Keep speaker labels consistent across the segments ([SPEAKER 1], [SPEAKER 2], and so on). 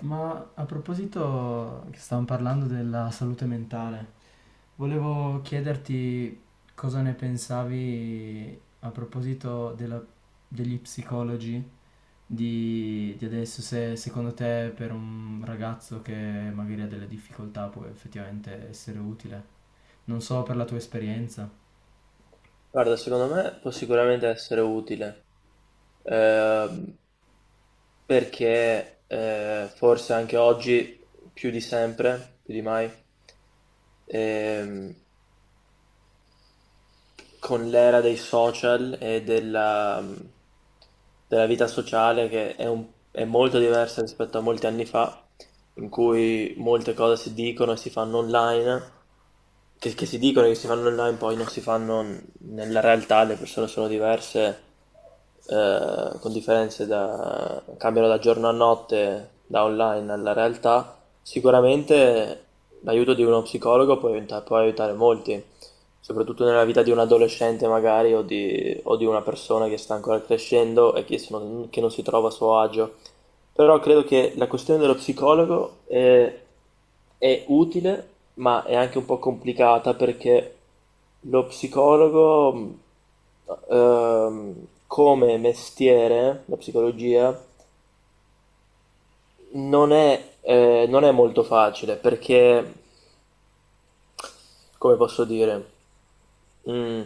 [SPEAKER 1] Ma a proposito che stavamo parlando della salute mentale, volevo chiederti cosa ne pensavi a proposito degli psicologi di adesso, se secondo te per un ragazzo che magari ha delle difficoltà può effettivamente essere utile. Non so per la tua esperienza.
[SPEAKER 2] Guarda, secondo me può sicuramente essere utile, ehm, perché forse anche oggi, più di sempre, più di mai, ehm, con l'era dei social e della vita sociale che è molto diversa rispetto a molti anni fa, in cui molte cose si dicono e si fanno online, che si dicono e che si fanno online, poi non si fanno nella realtà, le persone sono diverse, con cambiano da giorno a notte, da online alla realtà. Sicuramente l'aiuto di uno psicologo può aiutare molti. Soprattutto nella vita di un adolescente magari o di una persona che sta ancora crescendo e che non si trova a suo agio. Però credo che la questione dello psicologo è utile, ma è anche un po' complicata perché lo psicologo, come mestiere, la psicologia, non è molto facile perché, come posso dire, mm,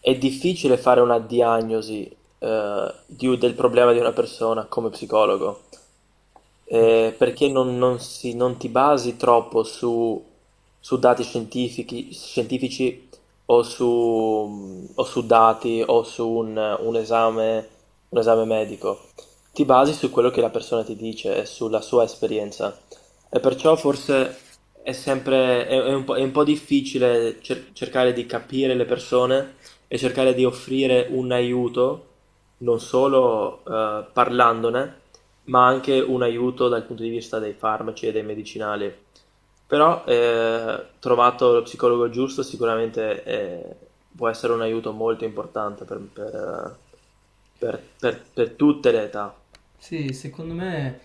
[SPEAKER 2] è difficile fare una diagnosi del problema di una persona come psicologo,
[SPEAKER 1] Beh,
[SPEAKER 2] perché non ti basi troppo su, su dati scientifici, scientifici o su dati o un esame medico. Ti basi su quello che la persona ti dice e sulla sua esperienza. E perciò forse è un è un po' difficile cercare di capire le persone e cercare di offrire un aiuto, non solo parlandone, ma anche un aiuto dal punto di vista dei farmaci e dei medicinali. Però trovato lo psicologo giusto sicuramente può essere un aiuto molto importante per tutte le età.
[SPEAKER 1] sì, secondo me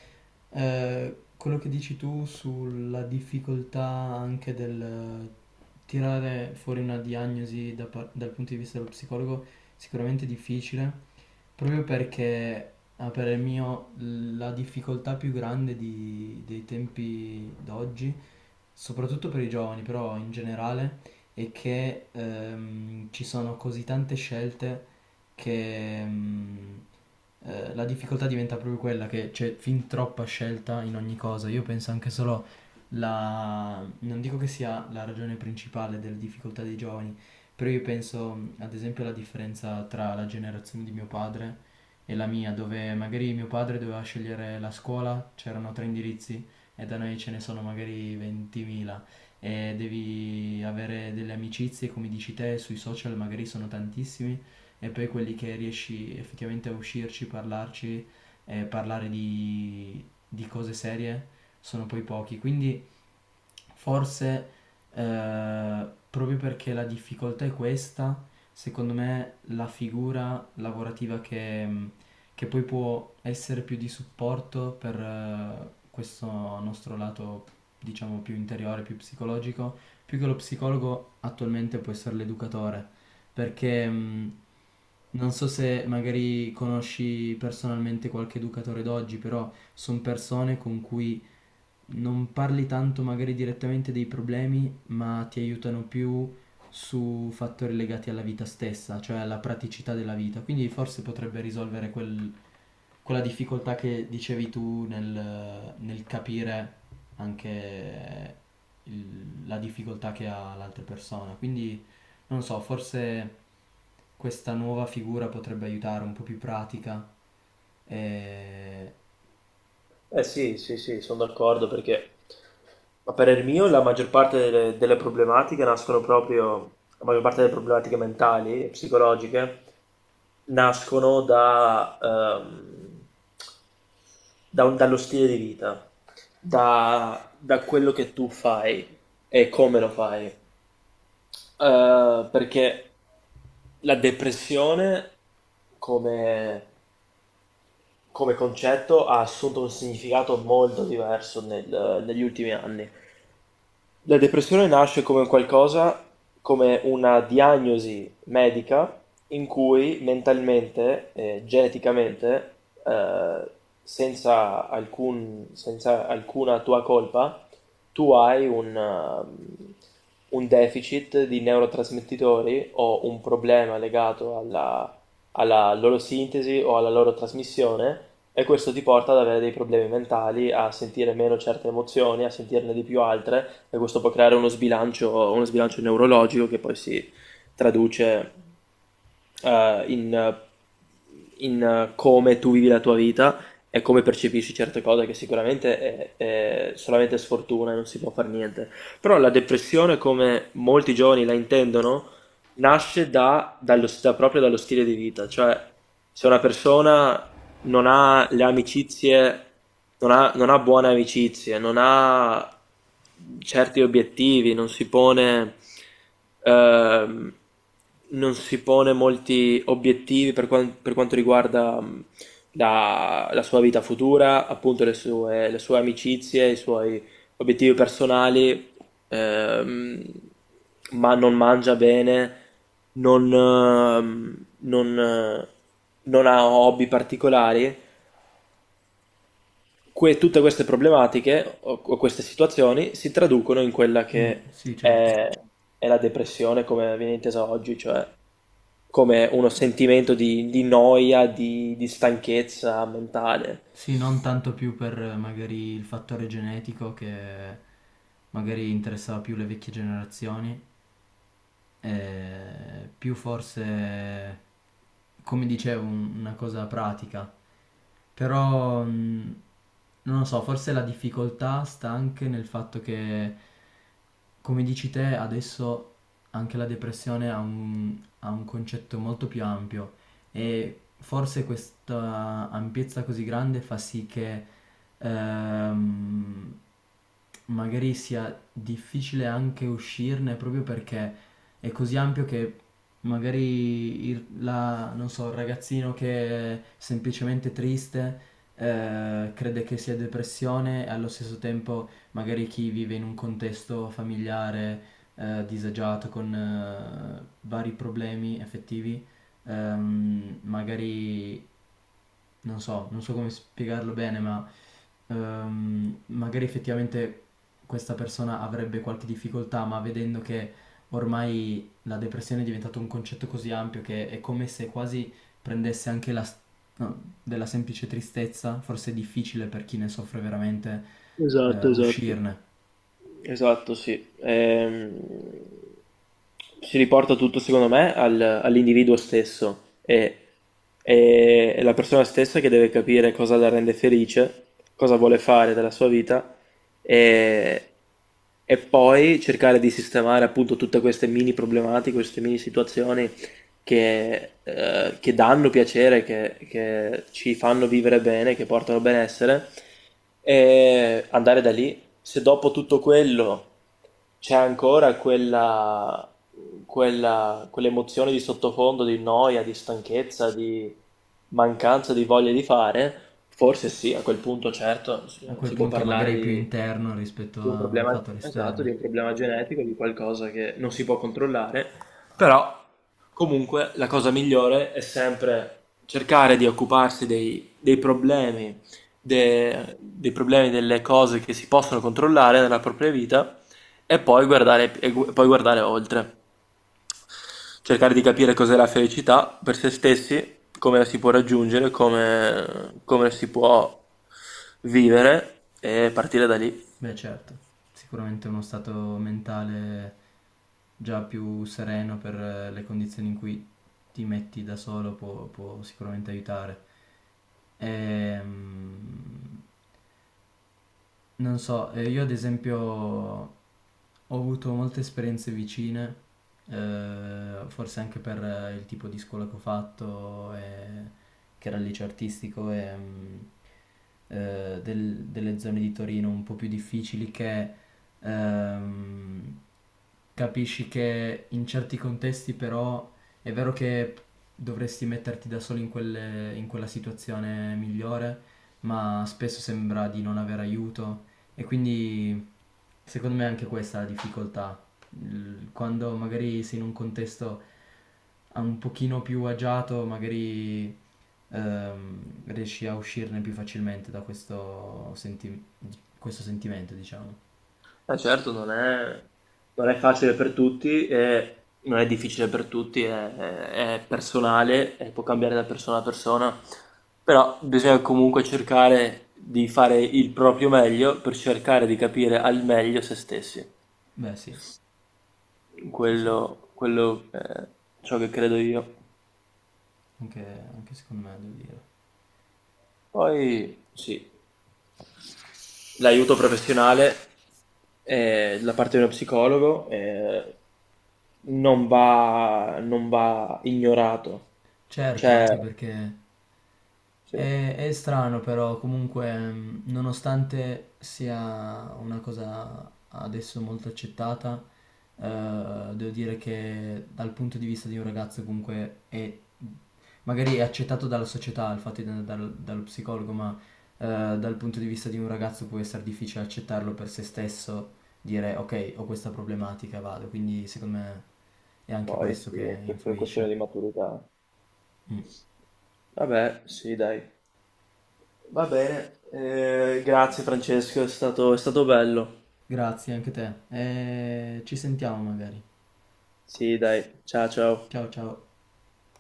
[SPEAKER 1] Quello che dici tu sulla difficoltà anche del tirare fuori una diagnosi dal punto di vista dello psicologo sicuramente difficile, proprio perché a parer mio la difficoltà più grande dei tempi d'oggi, soprattutto per i giovani, però in generale, è che ci sono così tante scelte che la difficoltà diventa proprio quella che c'è fin troppa scelta in ogni cosa. Io penso anche solo non dico che sia la ragione principale delle difficoltà dei giovani, però io penso, ad esempio alla differenza tra la generazione di mio padre e la mia, dove magari mio padre doveva scegliere la scuola, c'erano tre indirizzi e da noi ce ne sono magari 20.000 e devi avere delle amicizie, come dici te, sui social magari sono tantissimi e poi quelli che riesci effettivamente a uscirci, parlarci e parlare di cose serie sono poi pochi. Quindi forse proprio perché la difficoltà è questa, secondo me la figura lavorativa che poi può essere più di supporto per questo nostro lato diciamo più interiore, più psicologico, più che lo psicologo attualmente può essere l'educatore perché non so se magari conosci personalmente qualche educatore d'oggi, però sono persone con cui non parli tanto magari direttamente dei problemi, ma ti aiutano più su fattori legati alla vita stessa, cioè alla praticità della vita. Quindi forse potrebbe risolvere quella difficoltà che dicevi tu nel capire anche la difficoltà che ha l'altra persona. Quindi non so, forse questa nuova figura potrebbe aiutare un po' più pratica. E...
[SPEAKER 2] Eh sì, sì, sì, sono d'accordo perché, a parer mio, la maggior parte delle problematiche nascono proprio, la maggior parte delle problematiche mentali e psicologiche nascono dallo stile di vita, da quello che tu fai e come lo fai. Perché la depressione come, come concetto ha assunto un significato molto diverso negli ultimi anni. La depressione nasce come un qualcosa, come una diagnosi medica in cui mentalmente, e geneticamente, senza alcuna tua colpa, tu hai un deficit di neurotrasmettitori o un problema legato alla, alla loro sintesi o alla loro trasmissione. E questo ti porta ad avere dei problemi mentali, a sentire meno certe emozioni, a sentirne di più altre, e questo può creare uno sbilancio neurologico che poi si traduce eh, in, eh, in come tu vivi la tua vita e come percepisci certe cose, che sicuramente è solamente sfortuna e non si può fare niente. Però la depressione, come molti giovani la intendono, nasce proprio dallo stile di vita, cioè se una persona non ha le amicizie, non ha buone amicizie, non ha certi obiettivi, ehm, non si pone molti obiettivi per quanto riguarda la sua vita futura, appunto le sue amicizie, i suoi obiettivi personali ehm, ma non mangia bene, non, ehm, non, eh, non ha hobby particolari, tutte queste problematiche o queste situazioni si traducono in quella
[SPEAKER 1] Mm,
[SPEAKER 2] che
[SPEAKER 1] sì, certo.
[SPEAKER 2] è la depressione come viene intesa oggi, cioè come uno sentimento di noia, di stanchezza mentale.
[SPEAKER 1] Sì, non tanto più per magari il fattore genetico che magari interessava più le vecchie generazioni, più forse, come dicevo, una cosa pratica. Però, non lo so, forse la difficoltà sta anche nel fatto che, come dici te, adesso anche la depressione ha un concetto molto più ampio e forse questa ampiezza così grande fa sì che ehm, magari sia difficile anche uscirne proprio perché è così ampio che magari non so, il ragazzino che è semplicemente triste crede che sia depressione e allo stesso tempo magari chi vive in un contesto familiare disagiato con vari problemi effettivi, magari non so, non so come spiegarlo bene, ma magari effettivamente questa persona avrebbe qualche difficoltà, ma vedendo che ormai la depressione è diventato un concetto così ampio che è come se quasi prendesse anche no, della semplice tristezza, forse è difficile per chi ne soffre veramente
[SPEAKER 2] Esatto, esatto.
[SPEAKER 1] uscirne.
[SPEAKER 2] Esatto, sì. Si riporta tutto, secondo me, all'individuo stesso e è la persona stessa che deve capire cosa la rende felice, cosa vuole fare della sua vita e, e poi cercare di sistemare appunto tutte queste mini problematiche, queste mini situazioni che danno piacere, che ci fanno vivere bene, che portano benessere e andare da lì se dopo tutto quello c'è ancora quell'emozione di sottofondo, di noia, di stanchezza, di mancanza di voglia di fare, forse sì, a quel punto certo
[SPEAKER 1] A quel
[SPEAKER 2] si può
[SPEAKER 1] punto magari
[SPEAKER 2] parlare
[SPEAKER 1] è più interno rispetto
[SPEAKER 2] di un
[SPEAKER 1] a
[SPEAKER 2] problema,
[SPEAKER 1] fattori
[SPEAKER 2] esatto,
[SPEAKER 1] esterni.
[SPEAKER 2] di un problema genetico, di qualcosa che non si può controllare, però comunque la cosa migliore è sempre cercare di occuparsi dei problemi dei problemi, delle cose che si possono controllare nella propria vita e poi poi guardare oltre. Cercare di capire cos'è la felicità per se stessi, come la si può raggiungere, come, come si può vivere e partire da lì.
[SPEAKER 1] Beh, certo, sicuramente uno stato mentale già più sereno per le condizioni in cui ti metti da solo può, può sicuramente aiutare. Ehm, non so, io ad esempio ho avuto molte esperienze vicine, forse anche per il tipo di scuola che ho fatto, che era il liceo artistico, e, delle zone di Torino un po' più difficili che ehm, capisci che in certi contesti però è vero che dovresti metterti da solo in quella situazione migliore, ma spesso sembra di non avere aiuto e quindi secondo me è anche questa è la difficoltà. Quando magari sei in un contesto un pochino più agiato, magari riesci a uscirne più facilmente da questo, questo sentimento, diciamo.
[SPEAKER 2] Certo, non è facile per tutti, e non è difficile per tutti, è personale e può cambiare da persona a persona, però bisogna comunque cercare di fare il proprio meglio per cercare di capire al meglio se stessi.
[SPEAKER 1] Beh sì, sì, sì,
[SPEAKER 2] Quello è ciò che credo io.
[SPEAKER 1] anche, anche secondo me devo dire.
[SPEAKER 2] Poi sì, l'aiuto professionale da parte di uno psicologo non va ignorato.
[SPEAKER 1] Certo,
[SPEAKER 2] Cioè,
[SPEAKER 1] anche perché
[SPEAKER 2] sì,
[SPEAKER 1] è strano però, comunque, nonostante sia una cosa adesso molto accettata, devo dire che dal punto di vista di un ragazzo comunque è, magari è accettato dalla società il fatto di andare dallo psicologo, ma eh, dal punto di vista di un ragazzo può essere difficile accettarlo per se stesso, dire ok, ho questa problematica, vado, quindi secondo me è anche
[SPEAKER 2] poi
[SPEAKER 1] questo che
[SPEAKER 2] sì, questa è questione di
[SPEAKER 1] influisce.
[SPEAKER 2] maturità.
[SPEAKER 1] Mm.
[SPEAKER 2] Vabbè, sì, dai. Va bene. Grazie Francesco, è stato bello.
[SPEAKER 1] Grazie anche te e ci sentiamo magari.
[SPEAKER 2] Sì, dai. Ciao, ciao.
[SPEAKER 1] Ciao ciao.